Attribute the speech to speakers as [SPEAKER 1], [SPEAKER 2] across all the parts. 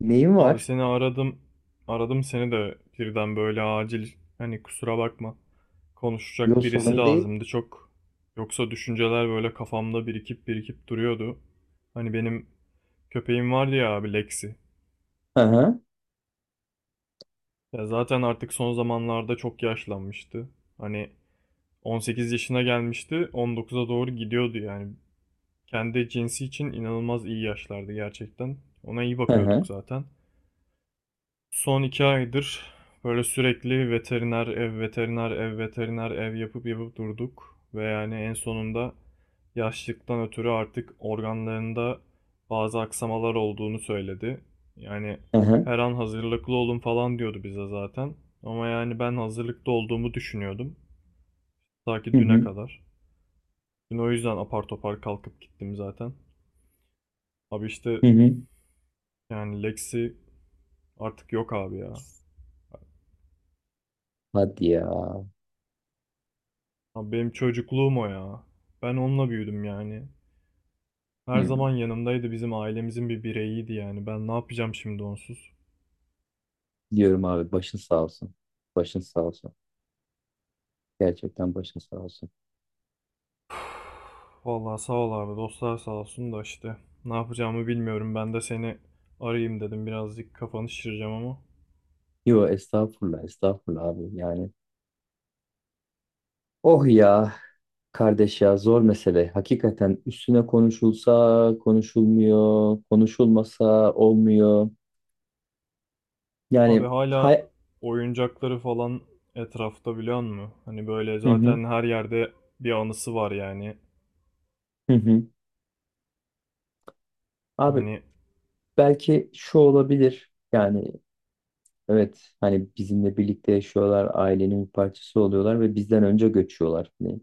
[SPEAKER 1] Neyim
[SPEAKER 2] Abi
[SPEAKER 1] var?
[SPEAKER 2] seni aradım. Aradım seni de birden böyle acil hani kusura bakma. Konuşacak
[SPEAKER 1] Yok,
[SPEAKER 2] birisi
[SPEAKER 1] sorun değil.
[SPEAKER 2] lazımdı çok. Yoksa düşünceler böyle kafamda birikip birikip duruyordu. Hani benim köpeğim vardı ya abi Lexi.
[SPEAKER 1] Hı hı.
[SPEAKER 2] Ya zaten artık son zamanlarda çok yaşlanmıştı. Hani 18 yaşına gelmişti, 19'a doğru gidiyordu yani. Kendi cinsi için inanılmaz iyi yaşlardı gerçekten. Ona iyi
[SPEAKER 1] Hı
[SPEAKER 2] bakıyorduk
[SPEAKER 1] hı.
[SPEAKER 2] zaten. Son iki aydır böyle sürekli veteriner ev, veteriner ev, veteriner ev yapıp yapıp durduk. Ve yani en sonunda yaşlıktan ötürü artık organlarında bazı aksamalar olduğunu söyledi. Yani
[SPEAKER 1] Hı hı.
[SPEAKER 2] her an hazırlıklı olun falan diyordu bize zaten. Ama yani ben hazırlıklı olduğumu düşünüyordum. Ta
[SPEAKER 1] Hı
[SPEAKER 2] ki düne
[SPEAKER 1] hı.
[SPEAKER 2] kadar. Dün o yüzden apar topar kalkıp gittim zaten. Abi işte
[SPEAKER 1] Hı hı.
[SPEAKER 2] yani Lexi artık yok abi ya.
[SPEAKER 1] Hadi ya.
[SPEAKER 2] Abi benim çocukluğum o ya. Ben onunla büyüdüm yani. Her
[SPEAKER 1] Hı.
[SPEAKER 2] zaman yanımdaydı, bizim ailemizin bir bireyiydi yani. Ben ne yapacağım şimdi onsuz?
[SPEAKER 1] Diyorum abi, başın sağ olsun. Başın sağ olsun. Gerçekten başın sağ olsun.
[SPEAKER 2] Vallahi sağ ol abi, dostlar sağ olsun da işte ne yapacağımı bilmiyorum. Ben de seni arayayım dedim, birazcık kafanı şişireceğim ama.
[SPEAKER 1] Yo, estağfurullah estağfurullah abi yani. Oh ya, kardeş ya, zor mesele. Hakikaten üstüne konuşulsa konuşulmuyor. Konuşulmasa olmuyor.
[SPEAKER 2] Abi
[SPEAKER 1] Yani
[SPEAKER 2] hala
[SPEAKER 1] hay...
[SPEAKER 2] oyuncakları falan etrafta, biliyor musun? Hani böyle
[SPEAKER 1] Hı hı.
[SPEAKER 2] zaten her yerde bir anısı var yani.
[SPEAKER 1] Hı hı. Abi,
[SPEAKER 2] Hani
[SPEAKER 1] belki şu olabilir. Yani, evet, hani bizimle birlikte yaşıyorlar, ailenin bir parçası oluyorlar ve bizden önce göçüyorlar. Hani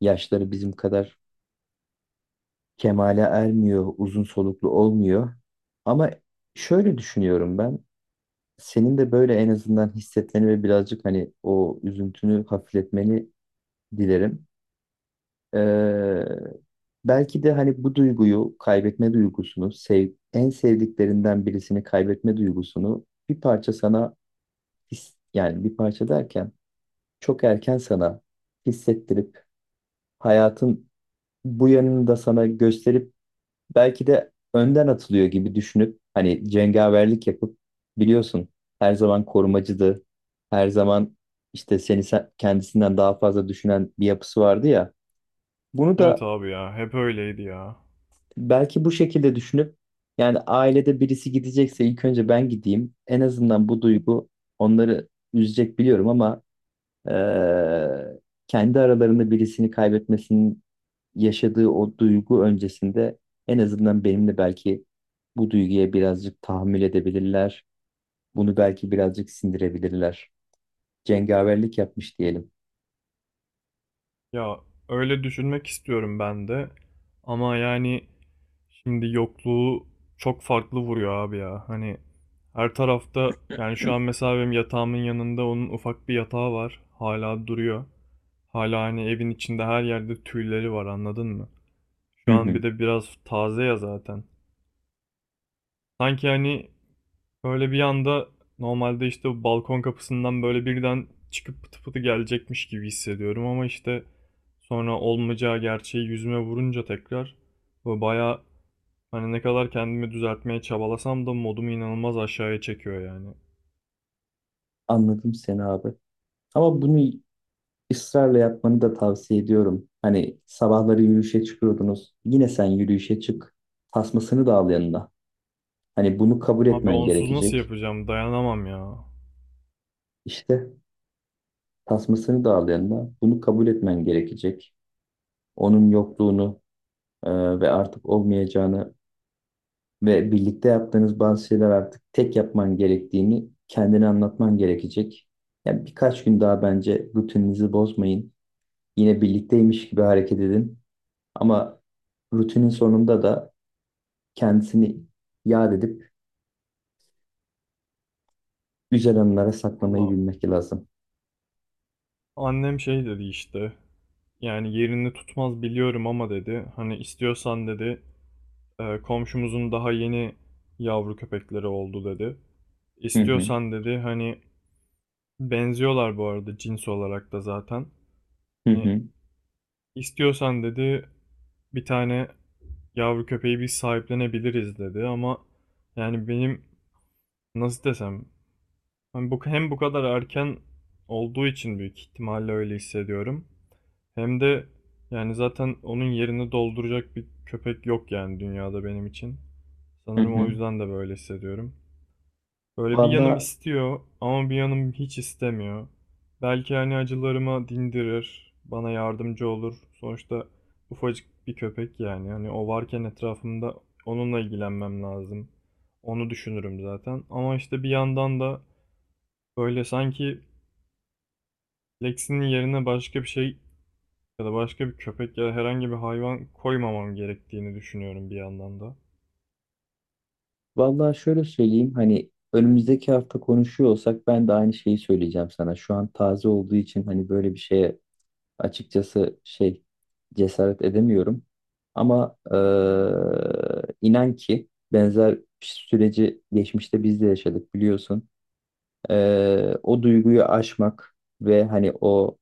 [SPEAKER 1] yaşları bizim kadar kemale ermiyor, uzun soluklu olmuyor. Ama şöyle düşünüyorum ben, senin de böyle en azından hissetmeni ve birazcık hani o üzüntünü hafifletmeni dilerim. Ee, Belki de hani bu duyguyu, kaybetme duygusunu, sev, en sevdiklerinden birisini kaybetme duygusunu bir parça sana yani bir parça derken çok erken sana hissettirip hayatın bu yanını da sana gösterip belki de önden atılıyor gibi düşünüp hani cengaverlik yapıp, biliyorsun, her zaman korumacıydı. Her zaman işte kendisinden daha fazla düşünen bir yapısı vardı ya. Bunu
[SPEAKER 2] evet
[SPEAKER 1] da
[SPEAKER 2] abi ya, hep öyleydi ya.
[SPEAKER 1] belki bu şekilde düşünüp, yani ailede birisi gidecekse ilk önce ben gideyim. En azından bu duygu onları üzecek biliyorum ama eee, kendi aralarında birisini kaybetmesinin yaşadığı o duygu öncesinde en azından benimle belki bu duyguya birazcık tahammül edebilirler. Bunu belki birazcık sindirebilirler. Cengaverlik yapmış diyelim.
[SPEAKER 2] Ya öyle düşünmek istiyorum ben de. Ama yani şimdi yokluğu çok farklı vuruyor abi ya. Hani her tarafta, yani şu an mesela benim yatağımın yanında onun ufak bir yatağı var. Hala duruyor. Hala hani evin içinde her yerde tüyleri var, anladın mı?
[SPEAKER 1] Hı
[SPEAKER 2] Şu an bir
[SPEAKER 1] hı.
[SPEAKER 2] de biraz taze ya zaten. Sanki hani böyle bir anda, normalde işte bu balkon kapısından böyle birden çıkıp pıtı pıtı gelecekmiş gibi hissediyorum, ama işte sonra olmayacağı gerçeği yüzüme vurunca tekrar bu bayağı hani ne kadar kendimi düzeltmeye çabalasam da modumu inanılmaz aşağıya çekiyor yani.
[SPEAKER 1] Anladım seni abi. Ama bunu ısrarla yapmanı da tavsiye ediyorum. Hani sabahları yürüyüşe çıkıyordunuz. Yine sen yürüyüşe çık. Tasmasını da al yanına. Hani bunu kabul
[SPEAKER 2] Abi
[SPEAKER 1] etmen
[SPEAKER 2] onsuz nasıl
[SPEAKER 1] gerekecek.
[SPEAKER 2] yapacağım? Dayanamam ya.
[SPEAKER 1] İşte tasmasını da al yanına. Bunu kabul etmen gerekecek. Onun yokluğunu, e, ve artık olmayacağını ve birlikte yaptığınız bazı şeyler artık tek yapman gerektiğini kendine anlatman gerekecek. Yani birkaç gün daha bence rutininizi bozmayın. Yine birlikteymiş gibi hareket edin. Ama rutinin sonunda da kendisini yad edip güzel anılara saklamayı
[SPEAKER 2] Valla
[SPEAKER 1] bilmek lazım.
[SPEAKER 2] annem şey dedi işte. Yani yerini tutmaz biliyorum ama dedi. Hani istiyorsan dedi. Komşumuzun daha yeni yavru köpekleri oldu dedi.
[SPEAKER 1] Hı hı,
[SPEAKER 2] İstiyorsan dedi hani, benziyorlar bu arada cins olarak da zaten.
[SPEAKER 1] hı
[SPEAKER 2] Hani
[SPEAKER 1] hı,
[SPEAKER 2] istiyorsan dedi bir tane yavru köpeği biz sahiplenebiliriz dedi ama yani benim, nasıl desem? Hani bu, hem bu kadar erken olduğu için büyük ihtimalle öyle hissediyorum. Hem de yani zaten onun yerini dolduracak bir köpek yok yani dünyada benim için.
[SPEAKER 1] hı
[SPEAKER 2] Sanırım o
[SPEAKER 1] hı.
[SPEAKER 2] yüzden de böyle hissediyorum. Böyle bir yanım
[SPEAKER 1] Vallahi,
[SPEAKER 2] istiyor ama bir yanım hiç istemiyor. Belki hani acılarıma dindirir, bana yardımcı olur. Sonuçta ufacık bir köpek yani. Hani o varken etrafımda onunla ilgilenmem lazım. Onu düşünürüm zaten. Ama işte bir yandan da böyle sanki Lexi'nin yerine başka bir şey ya da başka bir köpek ya da herhangi bir hayvan koymamam gerektiğini düşünüyorum bir yandan da.
[SPEAKER 1] vallahi şöyle söyleyeyim, hani önümüzdeki hafta konuşuyor olsak ben de aynı şeyi söyleyeceğim sana. Şu an taze olduğu için hani böyle bir şeye, açıkçası şey, cesaret edemiyorum. Ama inan ki benzer süreci geçmişte biz de yaşadık, biliyorsun. O duyguyu aşmak ve hani o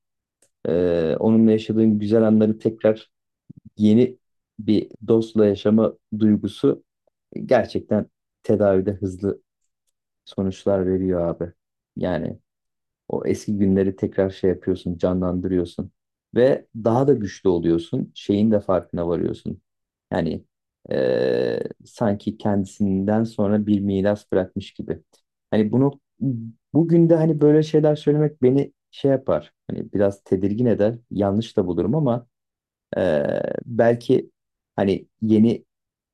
[SPEAKER 1] eee, onunla yaşadığın güzel anları tekrar yeni bir dostla yaşama duygusu gerçekten tedavide hızlı sonuçlar veriyor abi. Yani o eski günleri tekrar şey yapıyorsun, canlandırıyorsun. Ve daha da güçlü oluyorsun. Şeyin de farkına varıyorsun. Yani sanki kendisinden sonra bir miras bırakmış gibi. Hani bunu bugün de hani böyle şeyler söylemek beni şey yapar. Hani biraz tedirgin eder. Yanlış da bulurum ama belki hani yeni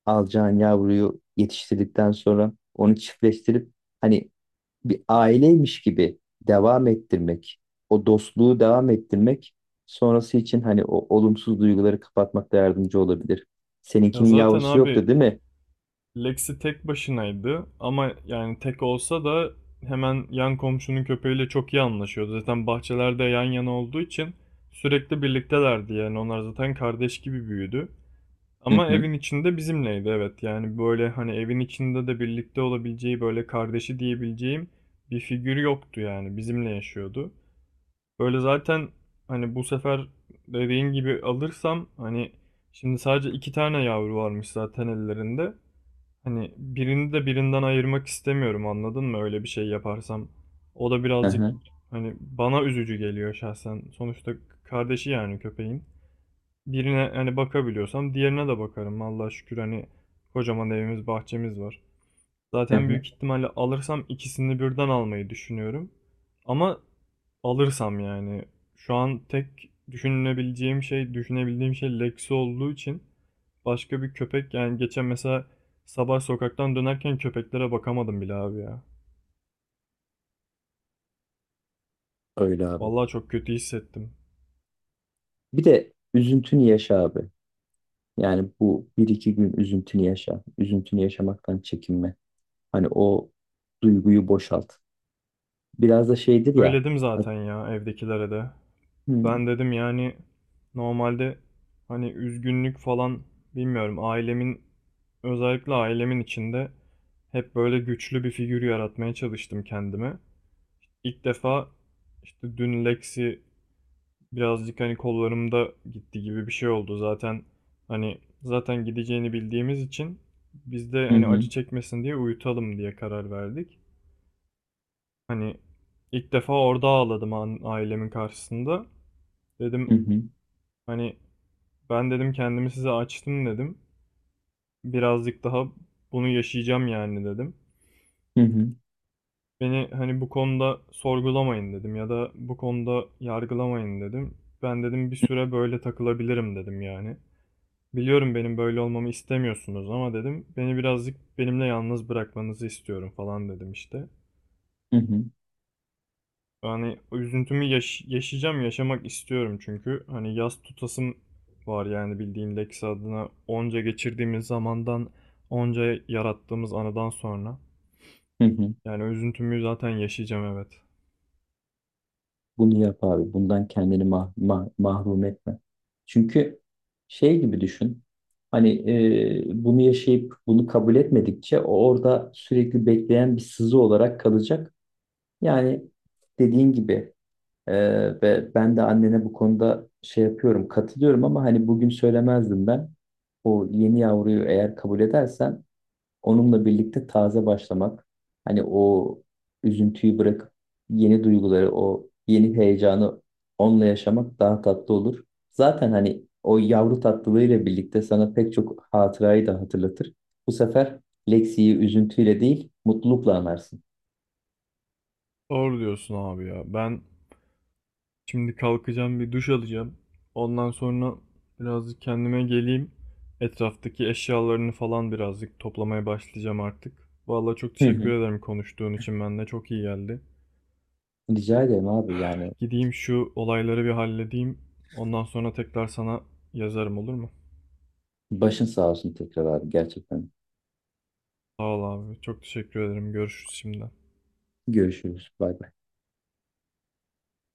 [SPEAKER 1] alacağın yavruyu yetiştirdikten sonra onu çiftleştirip hani bir aileymiş gibi devam ettirmek, o dostluğu devam ettirmek sonrası için hani o olumsuz duyguları kapatmakta yardımcı olabilir.
[SPEAKER 2] Ya
[SPEAKER 1] Seninkinin
[SPEAKER 2] zaten
[SPEAKER 1] yavrusu yoktu
[SPEAKER 2] abi
[SPEAKER 1] değil mi?
[SPEAKER 2] Lexi tek başınaydı ama yani tek olsa da hemen yan komşunun köpeğiyle çok iyi anlaşıyordu. Zaten bahçelerde yan yana olduğu için sürekli birliktelerdi yani, onlar zaten kardeş gibi büyüdü.
[SPEAKER 1] Hı
[SPEAKER 2] Ama
[SPEAKER 1] hı,
[SPEAKER 2] evin içinde bizimleydi evet. Yani böyle hani evin içinde de birlikte olabileceği böyle kardeşi diyebileceğim bir figür yoktu yani. Bizimle yaşıyordu. Böyle zaten hani bu sefer dediğin gibi alırsam, hani şimdi sadece iki tane yavru varmış zaten ellerinde. Hani birini de birinden ayırmak istemiyorum, anladın mı? Öyle bir şey yaparsam. O da
[SPEAKER 1] hı
[SPEAKER 2] birazcık
[SPEAKER 1] hı,
[SPEAKER 2] hani bana üzücü geliyor şahsen. Sonuçta kardeşi yani köpeğin. Birine hani bakabiliyorsam diğerine de bakarım. Allah'a şükür hani kocaman evimiz, bahçemiz var.
[SPEAKER 1] hı
[SPEAKER 2] Zaten
[SPEAKER 1] hı.
[SPEAKER 2] büyük ihtimalle alırsam ikisini birden almayı düşünüyorum. Ama alırsam yani, şu an tek düşünebileceğim şey, düşünebildiğim şey Lexi olduğu için başka bir köpek, yani geçen mesela sabah sokaktan dönerken köpeklere bakamadım bile abi ya.
[SPEAKER 1] Öyle abi.
[SPEAKER 2] Vallahi çok kötü hissettim.
[SPEAKER 1] Bir de üzüntünü yaşa abi. Yani bu bir iki gün üzüntünü yaşa. Üzüntünü yaşamaktan çekinme. Hani o duyguyu boşalt. Biraz da şeydir ya.
[SPEAKER 2] Söyledim
[SPEAKER 1] Hı
[SPEAKER 2] zaten ya evdekilere de.
[SPEAKER 1] hı,
[SPEAKER 2] Ben dedim yani normalde hani üzgünlük falan bilmiyorum, ailemin, özellikle ailemin içinde hep böyle güçlü bir figür yaratmaya çalıştım kendime. İlk defa işte dün Lexi birazcık hani kollarımda gitti gibi bir şey oldu zaten, hani zaten gideceğini bildiğimiz için biz de
[SPEAKER 1] hı
[SPEAKER 2] hani
[SPEAKER 1] hı,
[SPEAKER 2] acı çekmesin diye uyutalım diye karar verdik. Hani ilk defa orada ağladım ailemin karşısında.
[SPEAKER 1] hı
[SPEAKER 2] Dedim
[SPEAKER 1] hı,
[SPEAKER 2] hani, ben dedim kendimi size açtım dedim. Birazcık daha bunu yaşayacağım yani dedim.
[SPEAKER 1] hı hı,
[SPEAKER 2] Beni hani bu konuda sorgulamayın dedim ya da bu konuda yargılamayın dedim. Ben dedim bir süre böyle takılabilirim dedim yani. Biliyorum benim böyle olmamı istemiyorsunuz ama dedim, beni birazcık benimle yalnız bırakmanızı istiyorum falan dedim işte. Yani o üzüntümü yaşayacağım, yaşamak istiyorum çünkü. Hani yaz tutasım var yani bildiğin, Lex adına onca geçirdiğimiz zamandan, onca yarattığımız anıdan sonra.
[SPEAKER 1] hı hı.
[SPEAKER 2] Yani o üzüntümü zaten yaşayacağım, evet.
[SPEAKER 1] Bunu yap abi. Bundan kendini mahrum etme. Çünkü şey gibi düşün. Hani, bunu yaşayıp bunu kabul etmedikçe o orada sürekli bekleyen bir sızı olarak kalacak. Yani dediğin gibi, e, ve ben de annene bu konuda şey yapıyorum, katılıyorum, ama hani bugün söylemezdim ben. O yeni yavruyu eğer kabul edersen, onunla birlikte taze başlamak, hani o üzüntüyü bırakıp yeni duyguları, o yeni heyecanı onunla yaşamak daha tatlı olur. Zaten hani o yavru tatlılığıyla birlikte sana pek çok hatırayı da hatırlatır. Bu sefer Lexi'yi üzüntüyle değil, mutlulukla anarsın.
[SPEAKER 2] Doğru diyorsun abi ya. Ben şimdi kalkacağım, bir duş alacağım. Ondan sonra birazcık kendime geleyim. Etraftaki eşyalarını falan birazcık toplamaya başlayacağım artık. Vallahi çok
[SPEAKER 1] Hı
[SPEAKER 2] teşekkür
[SPEAKER 1] hı.
[SPEAKER 2] ederim konuştuğun için. Ben de çok iyi geldi.
[SPEAKER 1] Rica ederim abi yani.
[SPEAKER 2] Gideyim şu olayları bir halledeyim. Ondan sonra tekrar sana yazarım, olur mu?
[SPEAKER 1] Başın sağ olsun tekrar abi, gerçekten.
[SPEAKER 2] Sağ ol abi. Çok teşekkür ederim. Görüşürüz şimdiden.
[SPEAKER 1] Görüşürüz. Bay bay.